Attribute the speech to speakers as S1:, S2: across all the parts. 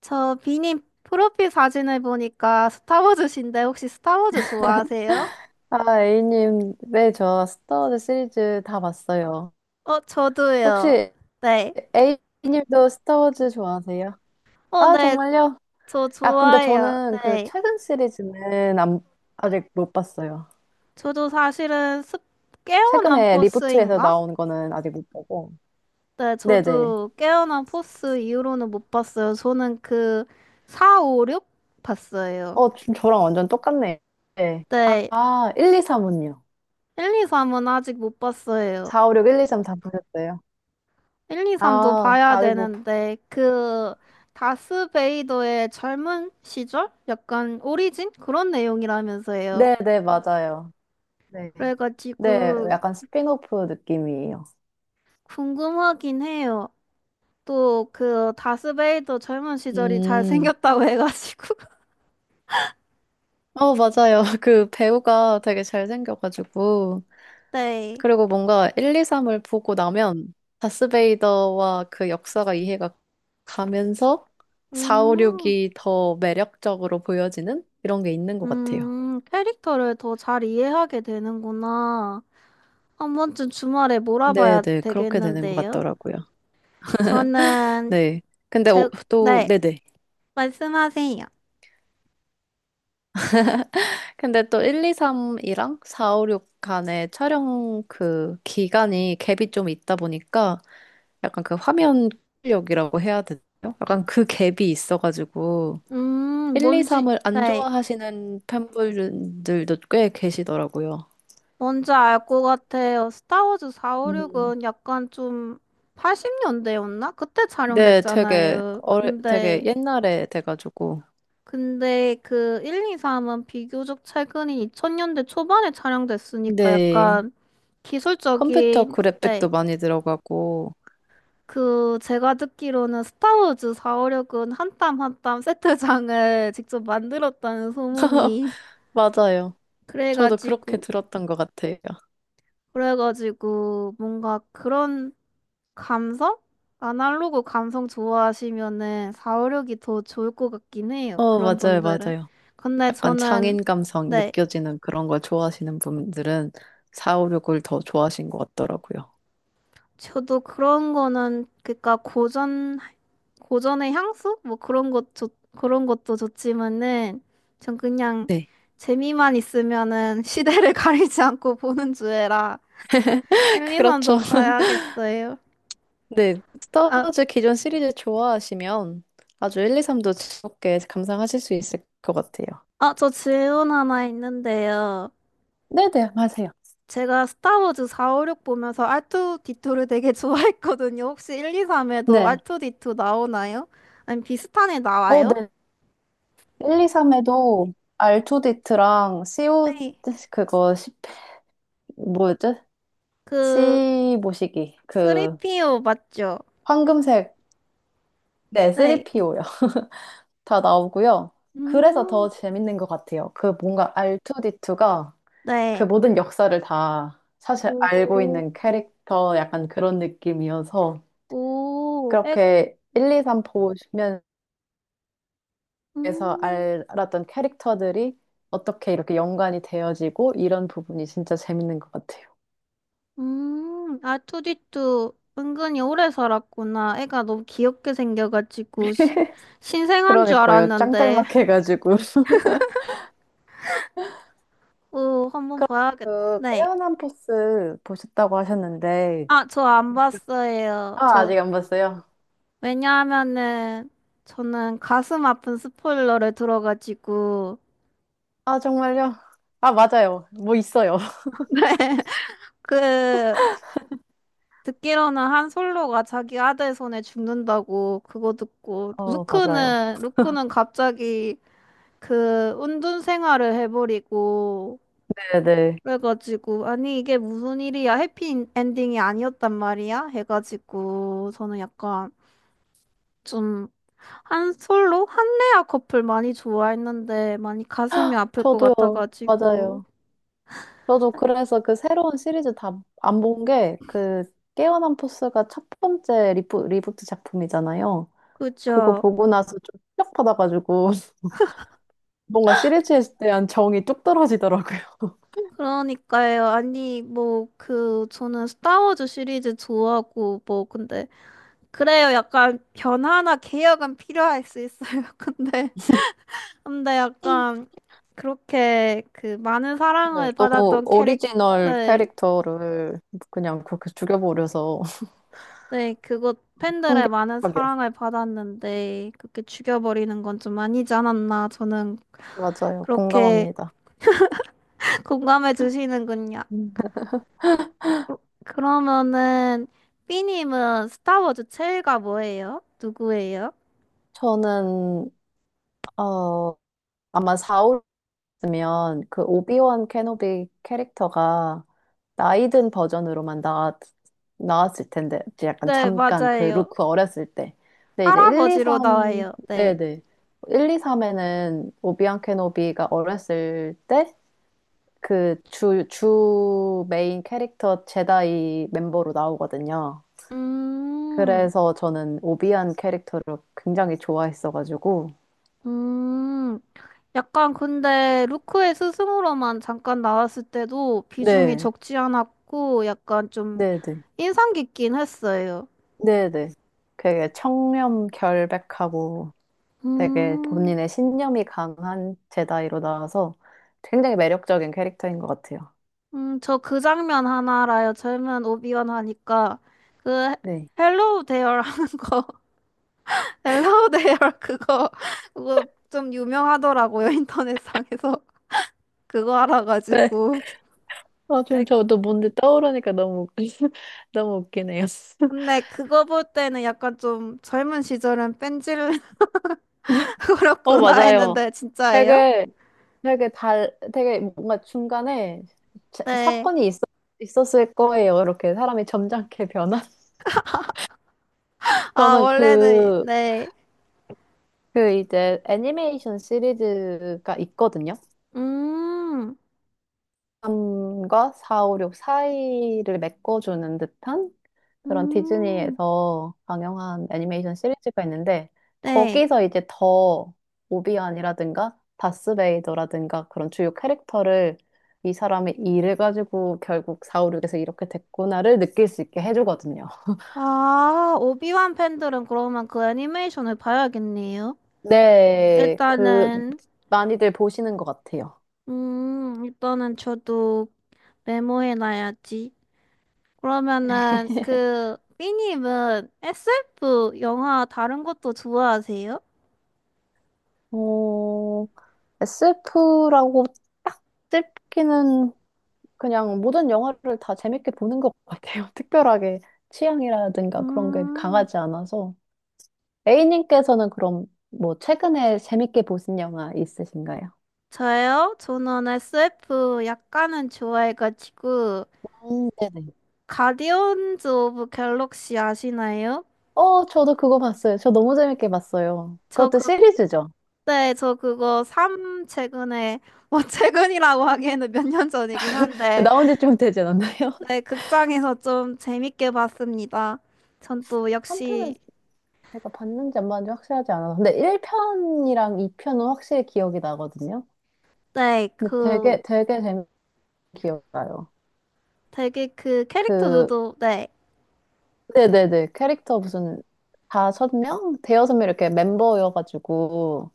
S1: 저 비님 프로필 사진을 보니까 스타워즈신데 혹시 스타워즈 좋아하세요?
S2: 아, A님, 네, 저 스타워즈 시리즈 다 봤어요.
S1: 어, 저도요.
S2: 혹시
S1: 네.
S2: A님도 스타워즈 좋아하세요?
S1: 어,
S2: 아,
S1: 네.
S2: 정말요?
S1: 저
S2: 아, 근데
S1: 좋아해요.
S2: 저는 그
S1: 네.
S2: 최근 시리즈는 아직 못 봤어요.
S1: 저도 사실은 깨어난
S2: 최근에 리부트에서
S1: 포스인가?
S2: 나온 거는 아직 못 보고.
S1: 네,
S2: 네네.
S1: 저도 깨어난 포스 이후로는 못 봤어요. 저는 그 4, 5, 6 봤어요.
S2: 어, 좀 저랑 완전 똑같네. 네.
S1: 네.
S2: 1, 2, 3은요?
S1: 1, 2, 3은 아직 못 봤어요.
S2: 4, 5, 6, 1, 2, 3 다 보셨어요?
S1: 1, 2, 3도
S2: 아,
S1: 봐야
S2: 아직 못,
S1: 되는데, 그, 다스베이더의 젊은 시절? 약간 오리진? 그런 내용이라면서요.
S2: 네네, 맞아요. 네. 네,
S1: 그래가지고,
S2: 약간 스핀오프 느낌이에요.
S1: 궁금하긴 해요. 또, 그, 다스베이더 젊은 시절이
S2: 음.
S1: 잘생겼다고 해가지고.
S2: 어, 맞아요. 그 배우가 되게 잘생겨가지고.
S1: 네.
S2: 그리고 뭔가 1, 2, 3을 보고 나면 다스베이더와 그 역사가 이해가 가면서 4, 5,
S1: 음,
S2: 6이 더 매력적으로 보여지는 이런 게 있는 것 같아요.
S1: 캐릭터를 더 잘 이해하게 되는구나. 한 번쯤 주말에 몰아봐야
S2: 네네. 그렇게 되는 것
S1: 되겠는데요.
S2: 같더라고요.
S1: 저는,
S2: 네. 근데
S1: 제,
S2: 또,
S1: 네,
S2: 네네.
S1: 말씀하세요.
S2: 근데 또 1, 2, 3이랑 4, 5, 6 간의 촬영 그 기간이 갭이 좀 있다 보니까 약간 그 화면 출력이라고 해야 되나요? 약간 그 갭이 있어가지고 1, 2, 3을 안
S1: 네,
S2: 좋아하시는 팬분들도 꽤 계시더라고요.
S1: 뭔지 알 것 같아요. 스타워즈
S2: 음.
S1: 456은 약간 좀 80년대였나? 그때
S2: 네,
S1: 촬영됐잖아요.
S2: 되게
S1: 근데,
S2: 옛날에 돼가지고.
S1: 근데 그 1, 2, 3은 비교적 최근인 2000년대 초반에 촬영됐으니까
S2: 네,
S1: 약간
S2: 컴퓨터
S1: 기술적인, 네.
S2: 그래픽도 많이 들어가고.
S1: 그, 제가 듣기로는 스타워즈 456은 한 땀 한 땀 세트장을 직접 만들었다는 소문이.
S2: 맞아요. 저도 그렇게
S1: 그래가지고,
S2: 들었던 것 같아요.
S1: 그래가지고 뭔가 그런 감성? 아날로그 감성 좋아하시면은 사5 6이 더 좋을 것 같긴 해요.
S2: 어,
S1: 그런
S2: 맞아요,
S1: 분들은.
S2: 맞아요.
S1: 근데
S2: 약간
S1: 저는
S2: 창인 감성
S1: 네.
S2: 느껴지는 그런 걸 좋아하시는 분들은 456을 더 좋아하신 것 같더라고요.
S1: 저도 그런 거는 그니까 고전 고전의 향수? 뭐 그런 것 좋, 그런 것도 좋지만은 전 그냥
S2: 네.
S1: 재미만 있으면은 시대를 가리지 않고 보는 주애라 엘리선도
S2: 그렇죠.
S1: 봐야겠어요.
S2: 네.
S1: 아,
S2: 스타워즈 기존 시리즈 좋아하시면 아주 1, 2, 3도 즐겁게 감상하실 수 있을 것 같아요.
S1: 아, 저 질문 하나 있는데요.
S2: 네네, 맞아요.
S1: 제가 스타워즈 4, 5, 6 보면서 R2D2를 되게 좋아했거든요. 혹시 1, 2, 3에도
S2: 네.
S1: R2D2 나오나요? 아니, 비슷한 애
S2: 어,
S1: 나와요?
S2: 네. 1, 2, 3에도 R2D2랑 c 오
S1: 네.
S2: 그거, 1 뭐였지?
S1: 그,
S2: C 모시기. 그,
S1: 3PO 맞죠?
S2: 황금색. 네,
S1: 네.
S2: 3PO요. 다 나오고요. 그래서
S1: 음,
S2: 더 재밌는 것 같아요. 그 뭔가 R2D2가 그
S1: 네.
S2: 모든 역사를 다 사실 알고
S1: 오,
S2: 있는 캐릭터 약간 그런 느낌이어서
S1: 오, 에,
S2: 그렇게 1, 2, 3 보시면서
S1: 음,
S2: 알았던 캐릭터들이 어떻게 이렇게 연관이 되어지고 이런 부분이 진짜 재밌는 것 같아요.
S1: R2D2 은근히 오래 살았구나. 애가 너무 귀엽게 생겨가지고, 신생한 줄
S2: 그러니까요.
S1: 알았는데,
S2: 짱짤막해가지고.
S1: 오, 한번 봐야겠다.
S2: 그
S1: 네.
S2: 깨어난 포스 보셨다고 하셨는데
S1: 아, 저 안 봤어요.
S2: 아
S1: 저,
S2: 아직 안 봤어요.
S1: 왜냐하면은, 저는 가슴 아픈 스포일러를 들어가지고,
S2: 아 정말요? 아 맞아요. 뭐 있어요.
S1: 그, 듣기로는 한 솔로가 자기 아들 손에 죽는다고 그거 듣고,
S2: 어, 맞아요.
S1: 루크는 갑자기 그 운둔 생활을 해버리고,
S2: 네네.
S1: 그래가지고, 아니, 이게 무슨 일이야? 해피 엔딩이 아니었단 말이야? 해가지고, 저는 약간, 좀 한 솔로 한레아 커플 많이 좋아했는데 많이 가슴이 아플 것
S2: 저도요.
S1: 같아가지고
S2: 맞아요. 저도 그래서 그 새로운 시리즈 다 안 본 게 그 깨어난 포스가 첫 번째 리부트 작품이잖아요. 그거
S1: 그죠?
S2: 보고 나서 좀 충격받아가지고 뭔가 시리즈에 대한 정이 뚝 떨어지더라고요.
S1: 그러니까요. 아니 뭐 그 저는 스타워즈 시리즈 좋아하고 뭐 근데 그래요. 약간 변화나 개혁은 필요할 수 있어요. 근데 약간 그렇게 그 많은
S2: 네,
S1: 사랑을
S2: 너무
S1: 받았던 캐릭터
S2: 오리지널
S1: 네,
S2: 캐릭터를 그냥 그렇게 죽여버려서
S1: 네 그것 팬들의 많은
S2: 충격하게.
S1: 사랑을 받았는데 그렇게 죽여버리는 건 좀 아니지 않았나 저는
S2: 맞아요.
S1: 그렇게
S2: 공감합니다.
S1: 공감해 주시는군요.
S2: 음.
S1: 어, 그러면은 B님은 스타워즈 최애가 뭐예요? 누구예요?
S2: 저는 어, 아마 4, 으면 그 오비원 케노비 캐릭터가 나이 든 버전으로만 나왔을 텐데 이제 약간
S1: 네,
S2: 잠깐 그
S1: 맞아요.
S2: 루크 어렸을 때 근데 이제 1, 2,
S1: 할아버지로
S2: 3
S1: 나와요. 네.
S2: 네네 1, 2, 3에는 오비원 케노비가 어렸을 때 그 주 메인 캐릭터 제다이 멤버로 나오거든요.
S1: 음,
S2: 그래서 저는 오비안 캐릭터를 굉장히 좋아했어가지고
S1: 음, 약간 근데 루크의 스승으로만 잠깐 나왔을 때도 비중이
S2: 네
S1: 적지 않았고 약간 좀
S2: 네네
S1: 인상 깊긴 했어요.
S2: 네네. 되게 청렴 결백하고 되게
S1: 음,
S2: 본인의 신념이 강한 제다이로 나와서 굉장히 매력적인 캐릭터인 것 같아요.
S1: 저 그 장면 하나 알아요. 젊은 오비완 하니까 그
S2: 네.
S1: 헬로우 대어라는 거. 헬로우데열 그거 좀 유명하더라고요 인터넷상에서 그거
S2: 네.
S1: 알아가지고
S2: 아, 지금
S1: 아이,
S2: 저도 뭔데 떠오르니까 너무, 너무 웃기네요.
S1: 근데 그거 볼 때는 약간 좀 젊은 시절은 뺀질을
S2: 어,
S1: 그렇구나
S2: 맞아요.
S1: 했는데 진짜예요?
S2: 되게 되게 달 되게 뭔가 중간에
S1: 네.
S2: 사건이 있었을 거예요. 이렇게 사람이 점잖게 변한.
S1: 아
S2: 저는
S1: 원래는
S2: 그
S1: 네.
S2: 그 이제 애니메이션 시리즈가 있거든요.
S1: 음.
S2: 3과 4, 5, 6 사이를 메꿔주는 듯한 그런
S1: 음.
S2: 디즈니에서 방영한 애니메이션 시리즈가 있는데
S1: 네.
S2: 거기서 이제 더 오비안이라든가 다스베이더라든가 그런 주요 캐릭터를 이 사람의 일을 가지고 결국 4, 5, 6에서 이렇게 됐구나를 느낄 수 있게 해주거든요.
S1: 아 오비완 팬들은 그러면 그 애니메이션을 봐야겠네요.
S2: 네, 그
S1: 일단은
S2: 많이들 보시는 것 같아요.
S1: 일단은 저도 메모해놔야지. 그러면은 그 삐님은 SF 영화 다른 것도 좋아하세요?
S2: 어, SF라고 딱 찝기는 그냥 모든 영화를 다 재밌게 보는 것 같아요. 특별하게 취향이라든가 그런 게
S1: 음,
S2: 강하지 않아서. A님께서는 그럼 뭐 최근에 재밌게 보신 영화 있으신가요?
S1: 저요? 저는 SF 약간은 좋아해가지고
S2: 네네.
S1: 가디언즈 오브 갤럭시 아시나요?
S2: 어, 저도 그거 봤어요. 저 너무 재밌게 봤어요.
S1: 저
S2: 그것도 시리즈죠.
S1: 그때 저 그거 3 최근에 뭐 최근이라고 하기에는 몇 년 전이긴 한데
S2: 나온 지 좀 되지 않았나요?
S1: 네 극장에서 좀 재밌게 봤습니다. 전 또
S2: 3편을
S1: 역시
S2: 제가 봤는지 안 봤는지 확실하지 않아서. 근데 1편이랑 2편은 확실히 기억이 나거든요.
S1: 네
S2: 근데
S1: 그
S2: 되게 재밌게 기억나요.
S1: 되게 그
S2: 그,
S1: 캐릭터들도 네
S2: 네네네. 캐릭터 무슨 다섯 명? 대여섯 명 이렇게 멤버여가지고,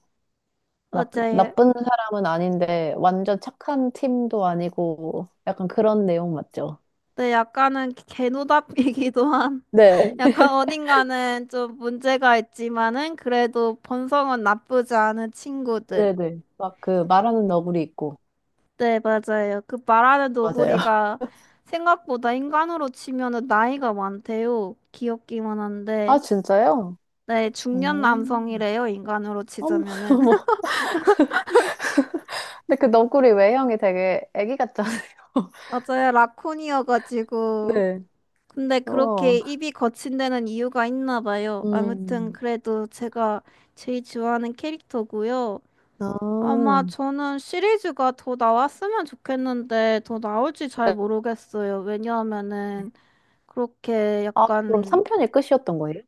S2: 막
S1: 맞아요.
S2: 나쁜 사람은 아닌데, 완전 착한 팀도 아니고, 약간 그런 내용 맞죠?
S1: 네, 약간은 개노답이기도 한,
S2: 네.
S1: 약간 어딘가는 좀 문제가 있지만은 그래도 본성은 나쁘지 않은 친구들.
S2: 네네. 막 그 말하는 너구리 있고.
S1: 네, 맞아요. 그 말하는
S2: 맞아요.
S1: 노구리가 생각보다 인간으로 치면은 나이가 많대요. 귀엽기만 한데.
S2: 아, 진짜요?
S1: 네, 중년
S2: 오.
S1: 남성이래요. 인간으로 치자면은.
S2: 뭐. 근데 그 너구리 외형이 되게 애기 같잖아요.
S1: 맞아요. 라쿤이어가지고.
S2: 네.
S1: 근데
S2: 어.
S1: 그렇게 입이 거친 데는 이유가 있나 봐요. 아무튼
S2: 음.
S1: 그래도 제가 제일 좋아하는 캐릭터고요.
S2: 아.
S1: 아마 저는 시리즈가 더 나왔으면 좋겠는데 더 나올지 잘
S2: 네.
S1: 모르겠어요. 왜냐하면은 그렇게
S2: 아, 그럼
S1: 약간
S2: 3편이 끝이었던 거예요?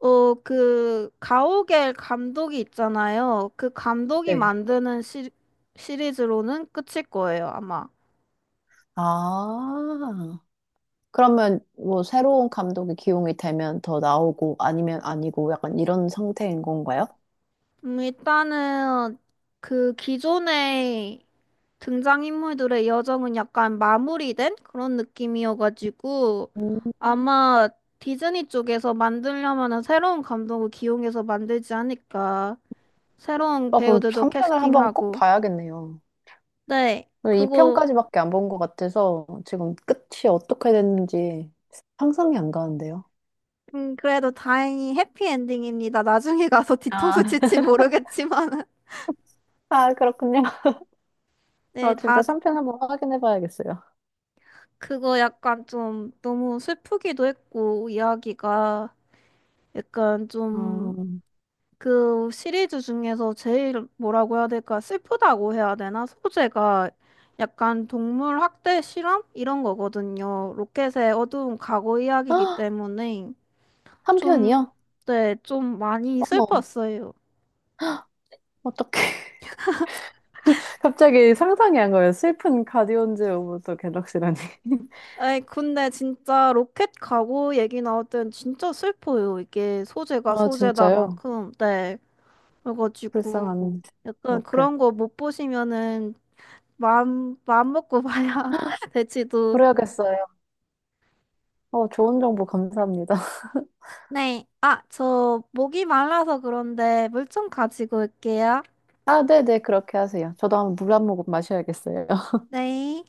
S1: 어 그 가오갤 감독이 있잖아요. 그 감독이
S2: 네.
S1: 만드는 시, 시리즈로는 끝일 거예요, 아마.
S2: 아. 그러면 뭐 새로운 감독이 기용이 되면 더 나오고 아니면 아니고 약간 이런 상태인 건가요?
S1: 일단은 그 기존의 등장인물들의 여정은 약간 마무리된 그런 느낌이어가지고
S2: 음.
S1: 아마 디즈니 쪽에서 만들려면은 새로운 감독을 기용해서 만들지 않을까. 새로운
S2: 아, 그럼
S1: 배우들도
S2: 3편을 한번 꼭
S1: 캐스팅하고.
S2: 봐야겠네요.
S1: 네, 그거
S2: 2편까지밖에 안 본 것 같아서 지금 끝이 어떻게 됐는지 상상이 안 가는데요.
S1: 그래도 다행히 해피엔딩입니다. 나중에 가서 뒤통수
S2: 아,
S1: 칠지 모르겠지만
S2: 그렇군요.
S1: 네,
S2: 아, 진짜
S1: 다
S2: 3편 한번 확인해 봐야겠어요.
S1: 그거 약간 좀 너무 슬프기도 했고 이야기가 약간
S2: 어...
S1: 좀 그 시리즈 중에서 제일 뭐라고 해야 될까? 슬프다고 해야 되나? 소재가 약간 동물 학대 실험? 이런 거거든요. 로켓의 어두운 과거 이야기이기
S2: 아,
S1: 때문에 좀,
S2: 3편이요?
S1: 네, 좀 많이
S2: 어머,
S1: 슬펐어요.
S2: 어떡해. 갑자기 상상이 안 가요. 슬픈 가디언즈 오브 더 갤럭시라니.
S1: 에이, 근데 진짜 로켓 가거 얘기 나올 땐 진짜 슬퍼요. 이게 소재가
S2: 아, 진짜요?
S1: 소재다만큼. 네. 그래가지고
S2: 불쌍한
S1: 약간
S2: 로켓.
S1: 그런 거 못 보시면은 마음 먹고 봐야 될지도.
S2: 그래야겠어요. 어, 좋은 정보 감사합니다.
S1: 네. 아, 저 목이 말라서 그런데 물 좀 가지고 올게요.
S2: 아, 네네, 그렇게 하세요. 저도 한번 물 한 모금 마셔야겠어요.
S1: 네.